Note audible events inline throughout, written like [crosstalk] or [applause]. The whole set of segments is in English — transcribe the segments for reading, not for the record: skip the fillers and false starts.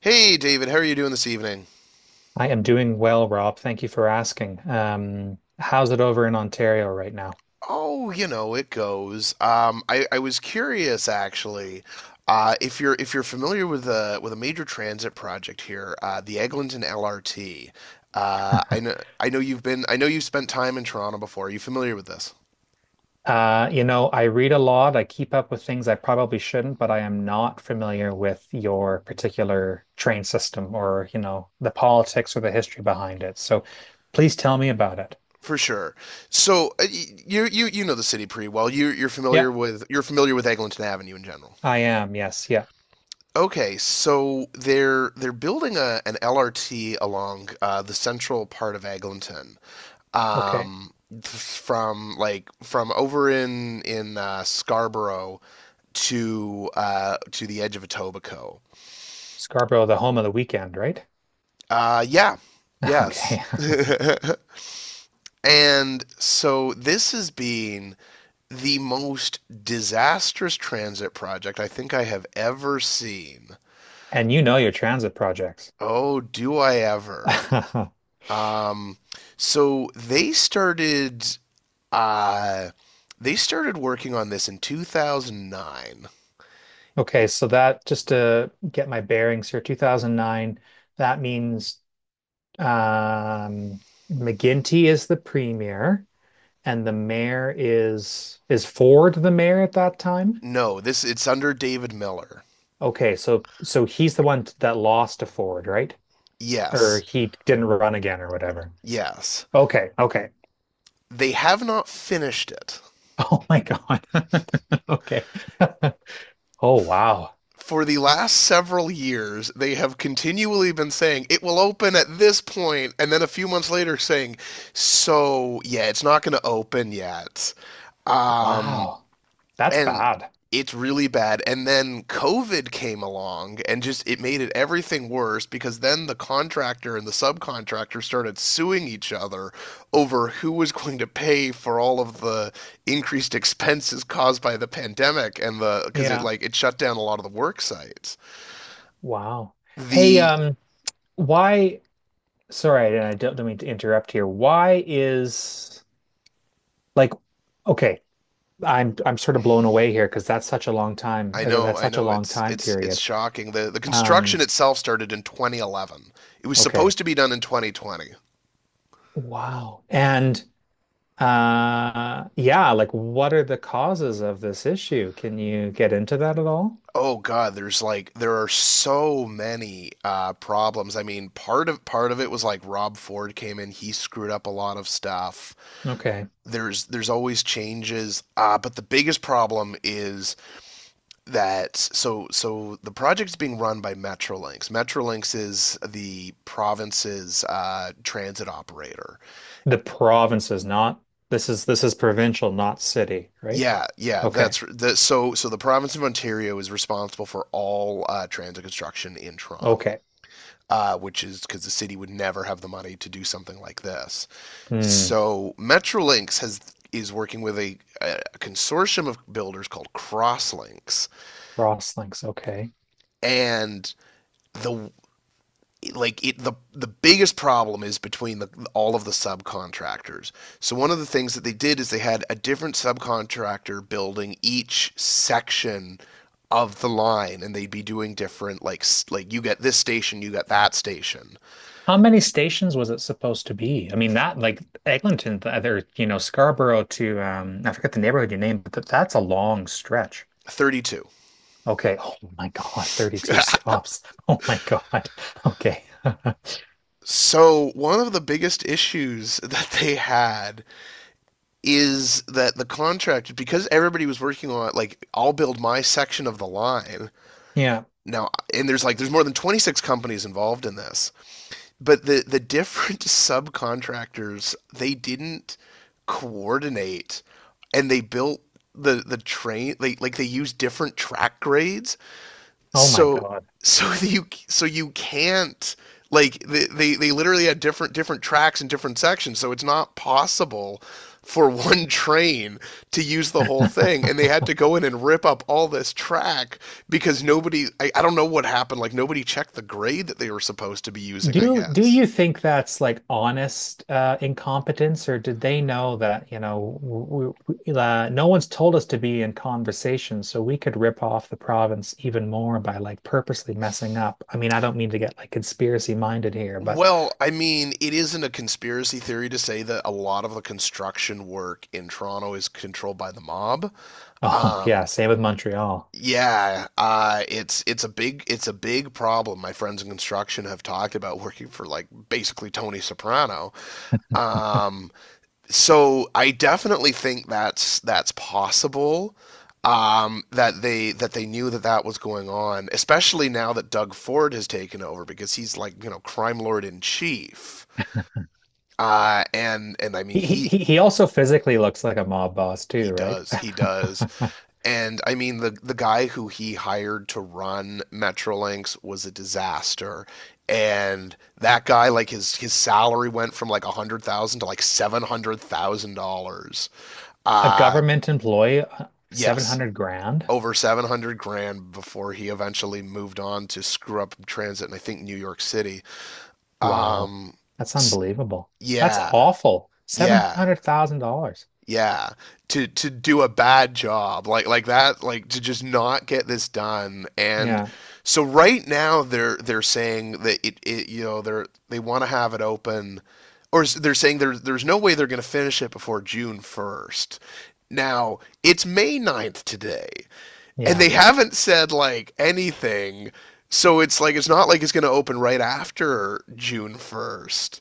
Hey, David, how are you doing this evening? I am doing well, Rob. Thank you for asking. How's it over in Ontario right now? Oh, you know, it goes. I was curious actually, if you're familiar with a major transit project here, the Eglinton LRT. I know you've been I know you've spent time in Toronto before. Are you familiar with this? You know, I read a lot. I keep up with things I probably shouldn't, but I am not familiar with your particular train system or, you know, the politics or the history behind it. So please tell me about it. For sure. So you know the city pretty well. You're Yep, familiar with Eglinton Avenue in general. I am. Yes, yeah. Okay, so they're building a an LRT along the central part of Eglinton. Okay. um, from from over in Scarborough to the edge of Etobicoke. Scarborough, the home of the weekend, right? Yeah, [laughs] yes. Okay. [laughs] and so this has been the most disastrous transit project I think I have ever seen. And you know your transit projects. Oh, do I ever? [laughs] Um, so they started uh, working on this in 2009. Okay, so that just to get my bearings here, 2009, that means um, McGinty is the premier and the mayor is, Ford the mayor at that time? No, this it's under David Miller. Okay, so so he's the one that lost to Ford, right? Or Yes. he didn't run again or whatever. Yes. Okay, okay. [laughs] They have not finished it. Oh my God. [laughs] Okay. [laughs] Oh wow. For the last several years, they have continually been saying it will open at this point, and then a few months later saying, "So yeah, it's not going to open yet." Um, Wow. That's and bad. it's really bad. And then COVID came along and just it made it everything worse, because then the contractor and the subcontractor started suing each other over who was going to pay for all of the increased expenses caused by the pandemic, and the because it Yeah. like it shut down a lot of the work sites. Wow. Hey, The why Sorry, and I don't mean to interrupt here. Why is like okay, I'm sort of blown away here because that's such a long time. Or that's I such a know long it's time it's it's period. shocking. The Um, construction itself started in 2011. It was supposed okay. to be done in 2020. Wow. And yeah, like what are the causes of this issue? Can you get into that at all? Oh God, there are so many problems. I mean, part of it was like Rob Ford came in, he screwed up a lot of stuff. Okay. There's always changes, but the biggest problem is that the project's being run by Metrolinx. Metrolinx is the province's transit operator. The provinces, not this is provincial, not city, right? Yeah, yeah, Okay. that's that. So the province of Ontario is responsible for all transit construction in Toronto. Okay. Which is because the city would never have the money to do something like this. Hmm. So Metrolinx has is working with a consortium of builders called Crosslinks, Cross links. Okay. and the like it the biggest problem is between all of the subcontractors. So one of the things that they did is they had a different subcontractor building each section of the line, and they'd be doing different like you get this station, you get that station. How many stations was it supposed to be? I mean, that like Eglinton, the other, you know, Scarborough to I forget the neighborhood you named, but th that's a long stretch. 32. Okay. Oh my God, 32 stops. [laughs] Oh my God. Okay. [laughs] So, one of the biggest issues [laughs] that they had is that because everybody was working on it, like, I'll build my section of the line. Yeah. Now, and there's more than 26 companies involved in this, but the different [laughs] subcontractors, they didn't coordinate, and they built the train. They, like, they used different track grades. Oh my So God. [laughs] You you can't they literally had different tracks and different sections, so it's not possible for [laughs] one train to use the whole thing, and they had to go in and rip up all this track because nobody I don't know what happened. Like, nobody checked the grade that they were supposed to be using, I Do do guess. you think that's like honest incompetence, or did they know that, you know, w w no one's told us to be in conversation, so we could rip off the province even more by like purposely messing up? I mean, I don't mean to get like conspiracy minded here, but Well, I mean, it isn't a conspiracy theory to say that a lot of the construction work in Toronto is controlled by the mob. [laughs] oh um yeah, same with Montreal. Yeah, it's it's a big problem. My friends in construction have talked about working for like basically Tony Soprano. Um, so I definitely think that's possible. That they knew that that was going on, especially now that Doug Ford has taken over, because he's, like, you know, crime lord in chief. And I mean, He he he he also physically looks like a mob boss too, right? He does. [laughs] And I mean, the guy who he hired to run Metrolinx was a disaster. And that guy, like, his salary went from like $100,000 to like $700,000. A Uh government employee, yes, 700 grand. over 700 grand before he eventually moved on to screw up transit in, I think, New York City. Wow. Um, That's unbelievable. That's yeah, awful. yeah. $700,000. Yeah, to do a bad job like that, like to just not get this done. And Yeah. so right now they're saying that it, you know, they want to have it open, they're saying there's no way they're going to finish it before June 1st. Now it's May 9th today, and they Yeah. haven't said anything. So it's it's not like it's going to open right after June 1st,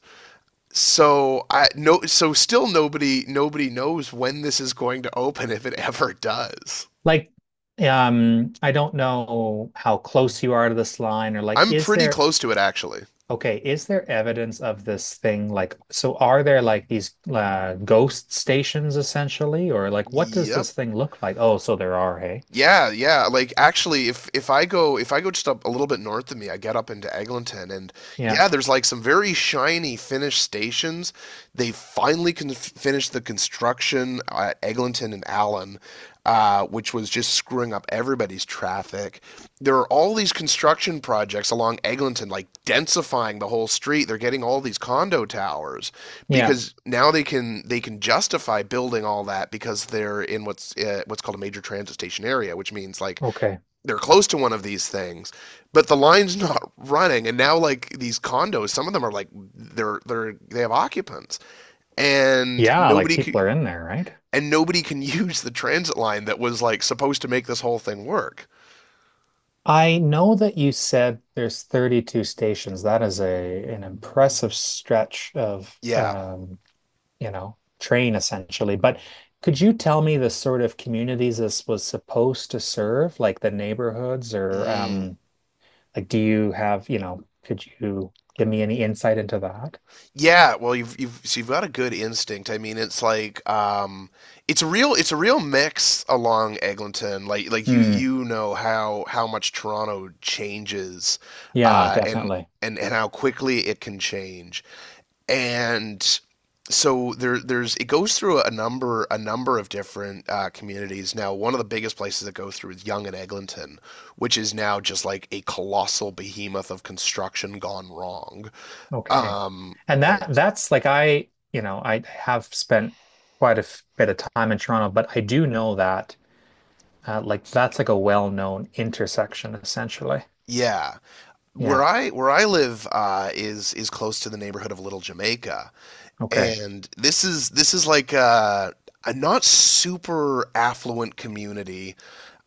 so I no, so still, nobody knows when this is going to open, if it ever does. Like, I don't know how close you are to this line or like, I'm is pretty there, close to it actually. okay, is there evidence of this thing? Like, so are there like these ghost stations essentially, or like, what does Yep. this thing look like? Oh, so there are, hey? Yeah, yeah. Like actually, if if I go just up a little bit north of me, I get up into Eglinton, and Yeah. yeah, there's like some very shiny finished stations. They finally con finished the construction at Eglinton and Allen, which was just screwing up everybody's traffic. There are all these construction projects along Eglinton, like densifying the whole street. They're getting all these condo towers Yeah. because now they can justify building all that because they're in what's called a major transit station area, which means like Okay. they're close to one of these things, but the line's [laughs] not running. And now like these condos, some of them are they're they have occupants, and Yeah. Like people are in there, right? Nobody can [laughs] use the transit line that was like supposed to make this whole thing work. I know that you said there's 32 stations. That is a an impressive stretch of Yeah. You know, train essentially. But could you tell me the sort of communities this was supposed to serve, like the neighborhoods or Mm. Like do you have, you know, could you give me any insight into that? Yeah, well, you've got a good instinct. I mean, it's like it's a real mix along Eglinton. Like you Hmm. you know how much Toronto changes, Yeah, uh, and definitely. and how quickly it can change. And so there's, it goes through a number of different communities. Now, one of the biggest places it goes through is Young and Eglinton, which is now just like a colossal behemoth of construction gone wrong. Okay. Um, And that that's like I, you know, I have spent quite a bit of time in Toronto, but I do know that like that's like a well-known intersection, essentially. Yeah, where Yeah. I live is close to the neighborhood of Little Jamaica, Okay. and this is like a not super affluent community.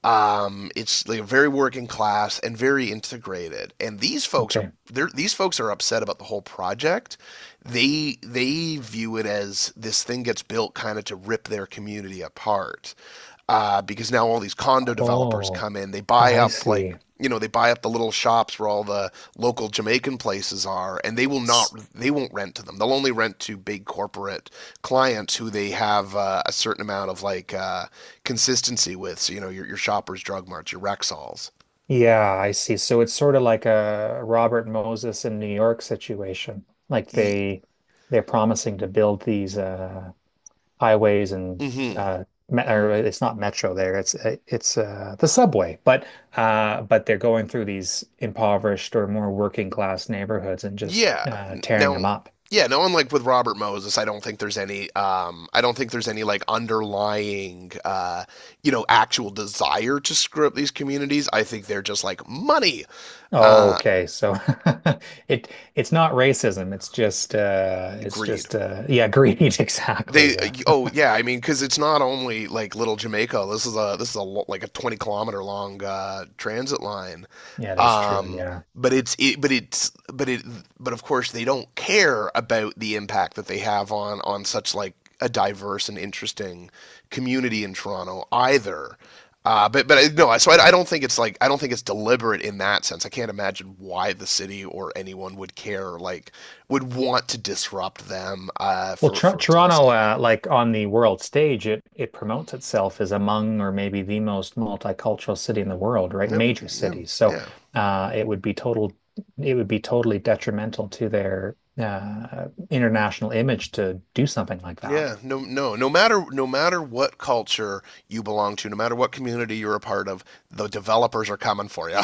It's like very working class and very integrated. And these folks are Okay. Upset about the whole project. They view it as this thing gets built kind of to rip their community apart. Because now all these condo developers Oh, come in, they buy I up, like, see. you know, they buy up the little shops where all the local Jamaican places are, and they will S- not they won't rent to them. They'll only rent to big corporate clients who they have a certain amount of like consistency with. So, you know, your shoppers, drug marts, your Rexalls. Yeah, I see. So it's sort of like a Robert Moses in New York situation. Like they they're promising to build these highways and Hmm. uh me or it's not metro there. It's the subway, but they're going through these impoverished or more working class neighborhoods and just Yeah. Tearing Now, them up. yeah, no, unlike with Robert Moses, I don't think there's any, I don't think there's any like underlying, you know, actual desire to screw up these communities. I think they're just like money, Oh, uh, okay. So [laughs] it it's not racism. It's just greed. Yeah, greed [laughs] exactly. They Yeah. Oh yeah, I mean, because it's not only like Little Jamaica. This is a like a 20-kilometer long transit line. Yeah, it's true. Um, Yeah. But it's but it but of course they don't care about the impact that they have on such like a diverse and interesting community in Toronto either. But I- no, I- so I don't think it's deliberate in that sense. I can't imagine why the city or anyone would care, would want to disrupt them, Well, for its own Toronto sake. Like on the world stage, it promotes itself as among or maybe the most multicultural city in the world, right? Yep. Major Yeah. cities. So Yeah. It would be totally detrimental to their international image to do something like that. Yeah. No. No. No matter what culture you belong to, no matter what community you're a part of, the developers are coming for you.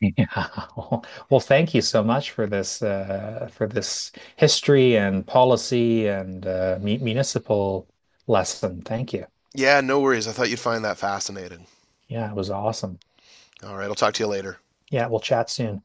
Yeah. [laughs] Well, thank you so much for this history and policy and municipal lesson. Thank you. [laughs] yeah. No worries. I thought you'd find that fascinating. Yeah, it was awesome. All right. I'll talk to you later. Yeah, we'll chat soon.